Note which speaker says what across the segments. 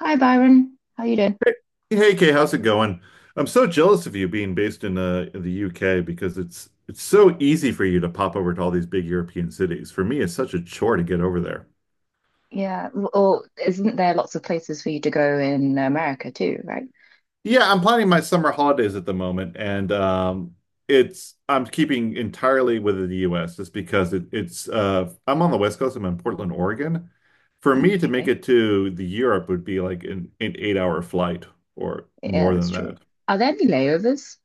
Speaker 1: Hi Byron, how you doing?
Speaker 2: Hey hey, Kay, how's it going? I'm so jealous of you being based in the UK because it's so easy for you to pop over to all these big European cities. For me, it's such a chore to get over there.
Speaker 1: Yeah, or isn't there lots of places for you to go in America too, right?
Speaker 2: Yeah, I'm planning my summer holidays at the moment, and it's I'm keeping entirely within the US just because it, it's I'm on the West Coast. I'm in Portland, Oregon. For
Speaker 1: Mm.
Speaker 2: me to make
Speaker 1: Okay,
Speaker 2: it to the Europe would be like an 8 hour flight or
Speaker 1: yeah,
Speaker 2: more
Speaker 1: that's
Speaker 2: than
Speaker 1: true.
Speaker 2: that.
Speaker 1: Are there any layovers?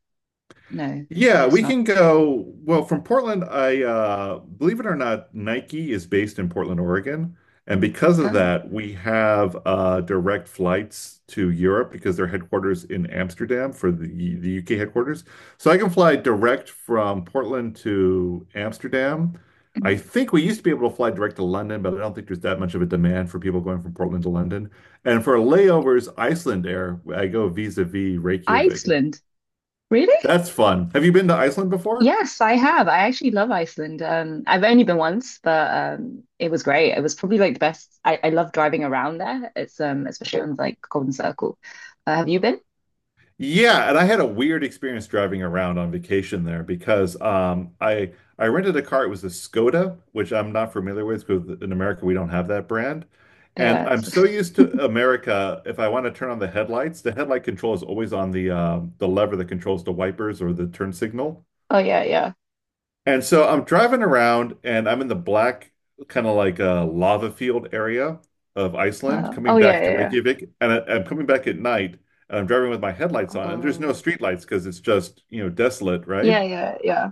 Speaker 1: No, I
Speaker 2: Yeah,
Speaker 1: guess
Speaker 2: we
Speaker 1: not.
Speaker 2: can go. Well, from Portland, I believe it or not, Nike is based in Portland, Oregon. And because of
Speaker 1: Ah.
Speaker 2: that, we have direct flights to Europe because their headquarters in Amsterdam for the UK headquarters. So I can fly direct from Portland to Amsterdam. I think we used to be able to fly direct to London, but I don't think there's that much of a demand for people going from Portland to London. And for layovers, Iceland Air, I go vis-a-vis Reykjavik.
Speaker 1: Iceland, really?
Speaker 2: That's fun. Have you been to Iceland before?
Speaker 1: Yes, I have. I actually love Iceland. I've only been once, but it was great. It was probably like the best. I love driving around there. It's especially on like Golden Circle. Have you been?
Speaker 2: Yeah, and I had a weird experience driving around on vacation there because I rented a car. It was a Skoda, which I'm not familiar with because in America we don't have that brand. And
Speaker 1: Yeah.
Speaker 2: I'm so used to America, if I want to turn on the headlights, the headlight control is always on the lever that controls the wipers or the turn signal.
Speaker 1: Oh yeah, yeah.
Speaker 2: And so I'm driving around and I'm in the black, kind of like a lava field area of Iceland,
Speaker 1: Oh
Speaker 2: coming
Speaker 1: yeah,
Speaker 2: back to
Speaker 1: yeah, yeah.
Speaker 2: Reykjavik. And I am coming back at night and I'm driving with my headlights on, and there's no
Speaker 1: Oh,
Speaker 2: streetlights because it's just, you know, desolate, right?
Speaker 1: yeah, yeah, yeah.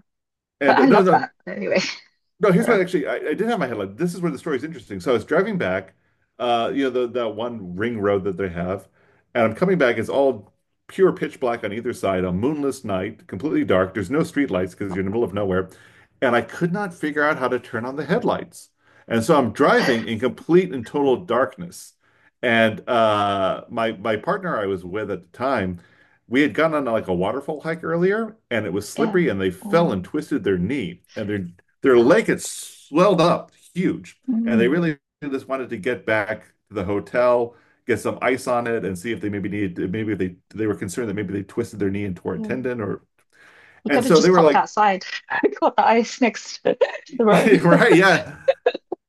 Speaker 1: But
Speaker 2: And
Speaker 1: I
Speaker 2: no,
Speaker 1: love
Speaker 2: no,
Speaker 1: that anyway.
Speaker 2: no, here's what actually I did have my headline. This is where the story's interesting. So I was driving back, you know, the that one ring road that they have, and I'm coming back. It's all pure pitch black on either side, a moonless night, completely dark. There's no street lights because you're in the middle of nowhere. And I could not figure out how to turn on the headlights. And so I'm driving in complete and total darkness. And my partner I was with at the time, we had gone on like a waterfall hike earlier, and it was
Speaker 1: Yeah.
Speaker 2: slippery, and they fell and
Speaker 1: Oh,
Speaker 2: twisted their knee, and their lake had swelled up huge, and they
Speaker 1: mm,
Speaker 2: really just wanted to get back to the hotel, get some ice on it, and see if they maybe needed maybe if they were concerned that maybe they twisted their knee and tore a
Speaker 1: yeah.
Speaker 2: tendon or
Speaker 1: You
Speaker 2: and
Speaker 1: could have
Speaker 2: so they
Speaker 1: just
Speaker 2: were
Speaker 1: popped
Speaker 2: like,
Speaker 1: outside. Got the ice next to the road.
Speaker 2: right, yeah.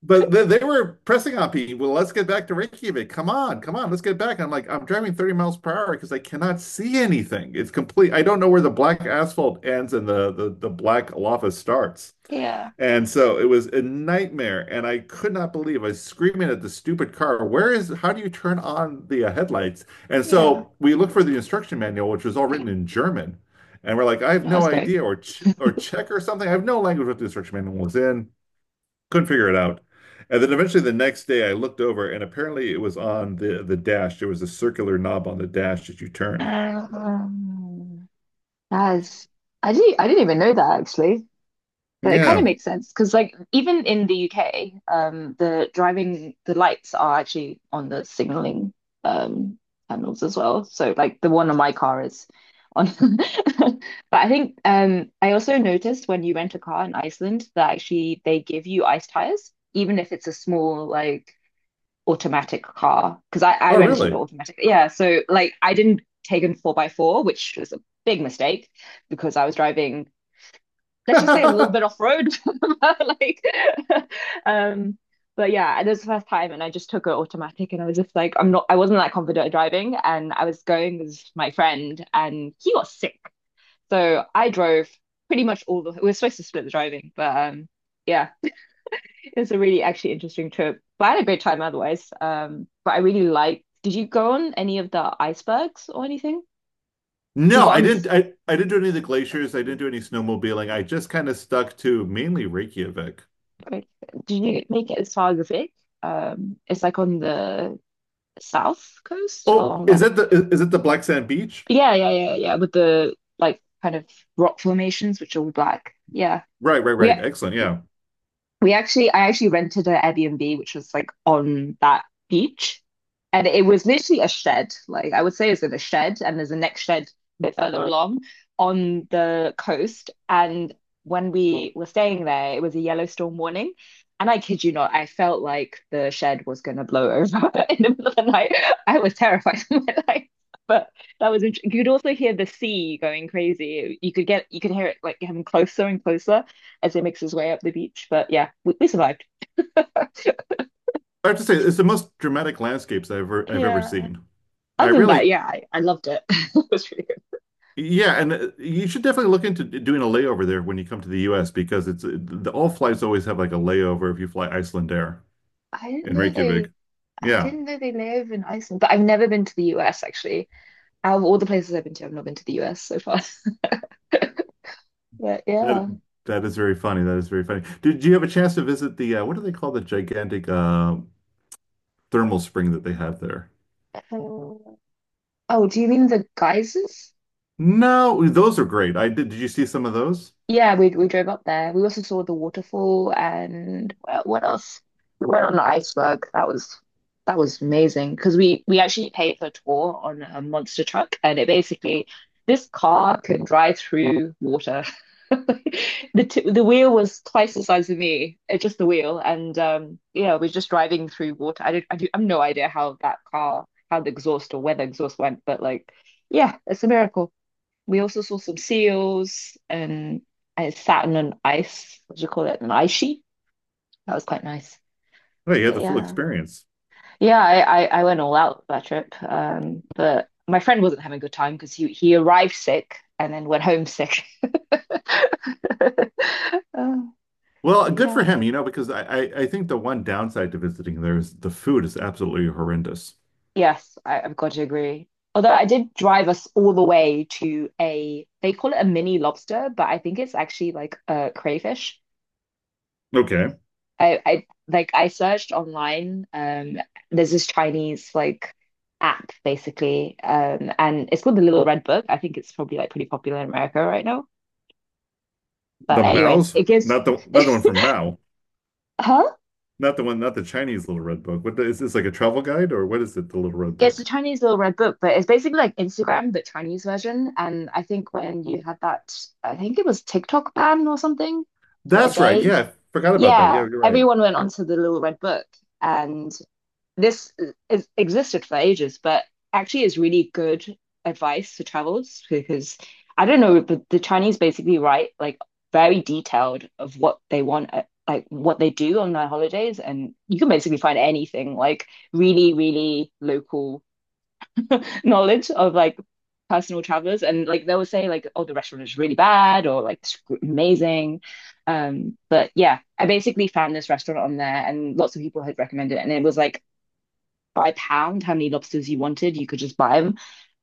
Speaker 2: But they were pressing on me. Well, let's get back to Reykjavik. Come on, come on, let's get back. And I'm like, I'm driving 30 miles per hour because I cannot see anything. It's complete. I don't know where the black asphalt ends and the black lava starts.
Speaker 1: Yeah.
Speaker 2: And so it was a nightmare, and I could not believe I was screaming at the stupid car, where is, how do you turn on the headlights? And
Speaker 1: Yeah.
Speaker 2: so we looked for the instruction manual, which was all written in German. And we're like, I have
Speaker 1: No, that's
Speaker 2: no
Speaker 1: great.
Speaker 2: idea, or ch or Czech or something. I have no language what the instruction manual was in. Couldn't figure it out. And then eventually the next day I looked over and apparently it was on the dash. There was a circular knob on the dash that you turn.
Speaker 1: Um, that is, I didn't even know that actually. But it kind of
Speaker 2: Yeah.
Speaker 1: makes sense because, like, even in the UK, the driving the lights are actually on the signaling um panels as well. So, like, the one on my car is on. But I think I also noticed when you rent a car in Iceland that actually they give you ice tires, even if it's a small like automatic car. Because I
Speaker 2: Oh,
Speaker 1: rented
Speaker 2: really?
Speaker 1: automatic, yeah. So like, I didn't take a four by four, which was a big mistake because I was driving, let's just say, a little bit off road. Like, um, but yeah, it was the first time, and I just took it automatic, and I was just like, I wasn't that confident at driving, and I was going with my friend, and he got sick, so I drove pretty much all the. We were supposed to split the driving, but yeah, it was a really actually interesting trip. But I had a great time otherwise. But I really liked. Did you go on any of the icebergs or anything? We
Speaker 2: No,
Speaker 1: got
Speaker 2: I
Speaker 1: on.
Speaker 2: didn't. I didn't do any of the glaciers. I didn't do any snowmobiling. I just kind of stuck to mainly Reykjavik.
Speaker 1: Did you make it as far as the Vic? It's like on the south coast
Speaker 2: Oh,
Speaker 1: along
Speaker 2: is
Speaker 1: there.
Speaker 2: that the is it the Black Sand Beach?
Speaker 1: But yeah, yeah, yeah, yeah. With the like kind of rock formations, which are all black. Yeah.
Speaker 2: Right, right,
Speaker 1: We
Speaker 2: right. Excellent. Yeah,
Speaker 1: I actually rented an Airbnb, which was like on that beach. And it was literally a shed. Like I would say it's in a shed, and there's a next shed a bit further along on the coast. And when we were staying there, it was a yellow storm warning. And I kid you not, I felt like the shed was gonna blow over in the middle of the night. I was terrified of my life. But you could also hear the sea going crazy. You could hear it like getting closer and closer as he makes his way up the beach. But yeah, we survived.
Speaker 2: I have to say it's the most dramatic landscapes I've ever
Speaker 1: Yeah.
Speaker 2: seen. I
Speaker 1: Other than that,
Speaker 2: really,
Speaker 1: yeah, I loved it. It was really good.
Speaker 2: yeah, and you should definitely look into doing a layover there when you come to the U.S. because the all flights always have like a layover if you fly Iceland Air
Speaker 1: I didn't
Speaker 2: in
Speaker 1: know
Speaker 2: Reykjavik.
Speaker 1: they I
Speaker 2: Yeah,
Speaker 1: didn't know they live in Iceland, but I've never been to the US actually. Out of all the places I've been to, I've not been to the US so far. But
Speaker 2: that
Speaker 1: yeah.
Speaker 2: that is very funny. That is very funny. Did you have a chance to visit the what do they call the gigantic thermal spring that they have there?
Speaker 1: Um, oh, do you mean the geysers?
Speaker 2: No, those are great. I did. Did you see some of those?
Speaker 1: Yeah, we drove up there. We also saw the waterfall and what else? We went on the iceberg. That was amazing because we actually paid for a tour on a monster truck, and it basically this car can drive through water. The wheel was twice the size of me. It's just the wheel, and yeah, we're just driving through water. I don't, I do, I have no idea how that car, how the exhaust or where the exhaust went, but like, yeah, it's a miracle. We also saw some seals and I sat on an ice, what do you call it? An ice sheet. That was quite nice.
Speaker 2: Oh, you had
Speaker 1: But
Speaker 2: the full
Speaker 1: yeah.
Speaker 2: experience.
Speaker 1: Yeah, I went all out that trip. But my friend wasn't having a good time because he arrived sick and then went home sick. Oh,
Speaker 2: Well, good for
Speaker 1: yeah.
Speaker 2: him, you know, because I think the one downside to visiting there is the food is absolutely horrendous.
Speaker 1: Yes, I've got to agree. Although I did drive us all the way to a, they call it a mini lobster, but I think it's actually like a crayfish.
Speaker 2: Okay,
Speaker 1: I searched online. There's this Chinese like app basically, and it's called the Little Red Book. I think it's probably like pretty popular in America right now.
Speaker 2: the
Speaker 1: But anyway,
Speaker 2: Mao's,
Speaker 1: it gives
Speaker 2: not the not the one from Mao,
Speaker 1: huh?
Speaker 2: not the one, not the Chinese Little Red Book. What is this like a travel guide or what is it? The Little Red
Speaker 1: It's the
Speaker 2: Book.
Speaker 1: Chinese Little Red Book, but it's basically like Instagram but Chinese version. And I think when you had that, I think it was TikTok ban or something for a
Speaker 2: That's right.
Speaker 1: day.
Speaker 2: Yeah, I forgot about that. Yeah,
Speaker 1: Yeah,
Speaker 2: you're right.
Speaker 1: everyone went onto the Little Red Book, and this existed for ages, but actually is really good advice to travelers because I don't know, but the Chinese basically write like very detailed of what they want, like what they do on their holidays, and you can basically find anything like really, really local knowledge of like personal travelers, and like they will say like, oh, the restaurant is really bad or like it's amazing. But yeah, I basically found this restaurant on there, and lots of people had recommended it, and it was like by pound how many lobsters you wanted. You could just buy them.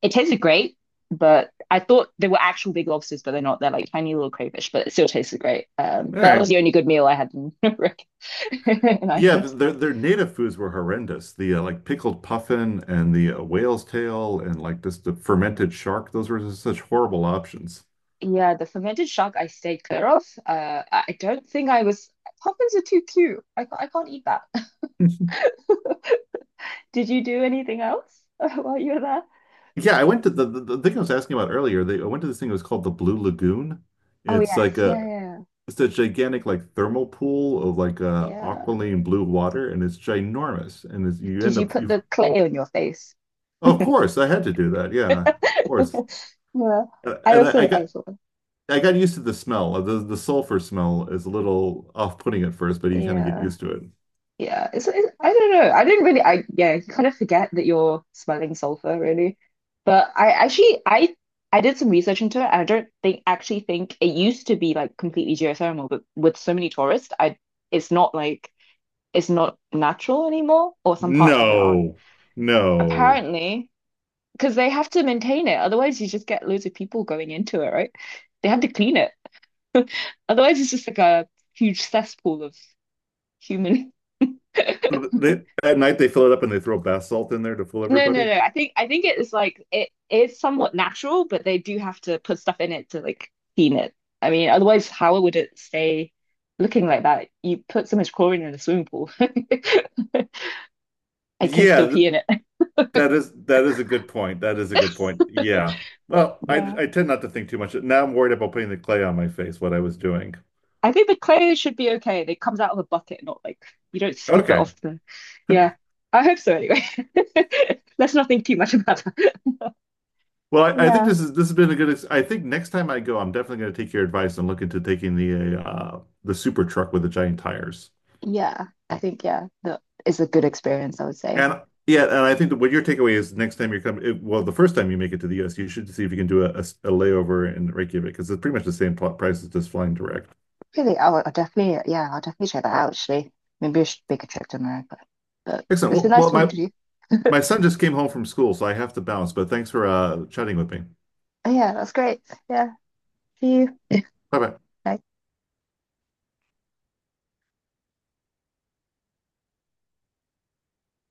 Speaker 1: It tasted great, but I thought they were actual big lobsters, but they're not. They're like tiny little crayfish, but it still tasted great.
Speaker 2: All
Speaker 1: But that was
Speaker 2: right.
Speaker 1: the only good meal I had in
Speaker 2: Yeah,
Speaker 1: Iceland.
Speaker 2: their native foods were horrendous. The like pickled puffin and the whale's tail and like just the fermented shark. Those were just such horrible options.
Speaker 1: Yeah, the fermented shark I stayed clear of. I don't think I was. Puffins are too cute. I can't eat that. Did you do anything else while you were there?
Speaker 2: Yeah, I went to the thing I was asking about earlier. They I went to this thing. It was called the Blue Lagoon.
Speaker 1: Oh
Speaker 2: It's like
Speaker 1: yes, yeah,
Speaker 2: a
Speaker 1: yeah,
Speaker 2: it's a gigantic like thermal pool of like
Speaker 1: yeah.
Speaker 2: aqualine blue water, and it's ginormous. And it's, you
Speaker 1: Did
Speaker 2: end
Speaker 1: you
Speaker 2: up
Speaker 1: put
Speaker 2: you
Speaker 1: the clay on your face?
Speaker 2: of course I had to do that. Yeah, of course.
Speaker 1: Yeah,
Speaker 2: Uh, And I, I
Speaker 1: I
Speaker 2: got
Speaker 1: saw.
Speaker 2: I got used to the smell. The sulfur smell is a little off-putting at first, but you kind of get
Speaker 1: Yeah.
Speaker 2: used to it.
Speaker 1: Yeah, it's I don't know. I didn't really I yeah, you kind of forget that you're smelling sulfur really. But I actually I did some research into it and I don't think actually think it used to be like completely geothermal, but with so many tourists, I it's not like it's not natural anymore, or some parts of it aren't.
Speaker 2: No, no.
Speaker 1: Apparently, because they have to maintain it, otherwise you just get loads of people going into it, right? They have to clean it. Otherwise it's just like a huge cesspool of human
Speaker 2: They, at night they fill it up and they throw bath salt in there to fool
Speaker 1: No, no,
Speaker 2: everybody.
Speaker 1: no. I think it is like it is somewhat natural, but they do have to put stuff in it to like clean it. I mean, otherwise, how would it stay looking like that? You put so much chlorine in a swimming pool. I can
Speaker 2: Yeah,
Speaker 1: still
Speaker 2: th-
Speaker 1: pee in it.
Speaker 2: that is that is a good point. That is a good point. Yeah. Well, I
Speaker 1: Yeah.
Speaker 2: I tend not to think too much. Now I'm worried about putting the clay on my face, what I was doing.
Speaker 1: I think the clay should be okay. It comes out of a bucket, not like you don't scoop it
Speaker 2: Okay.
Speaker 1: off the. Yeah. I hope so anyway. Let's not think too much about that.
Speaker 2: Well, I think
Speaker 1: Yeah.
Speaker 2: this has been a I think next time I go, I'm definitely going to take your advice and look into taking the super truck with the giant tires.
Speaker 1: Yeah. I think yeah, that is a good experience, I would say.
Speaker 2: And yeah, and I think that what your takeaway is next time you're coming, well, the first time you make it to the US, you should see if you can do a layover in Reykjavik because it's pretty much the same price as just flying direct.
Speaker 1: Really, I'll definitely, yeah, I'll definitely check that out actually. Maybe I should make a trip to America. But
Speaker 2: Excellent.
Speaker 1: it's been
Speaker 2: Well,
Speaker 1: nice
Speaker 2: well,
Speaker 1: talking
Speaker 2: my
Speaker 1: to you.
Speaker 2: my son just came home from school, so I have to bounce. But thanks for chatting with me.
Speaker 1: Oh, yeah, that's great. Yeah, see you.
Speaker 2: Bye bye.
Speaker 1: Bye.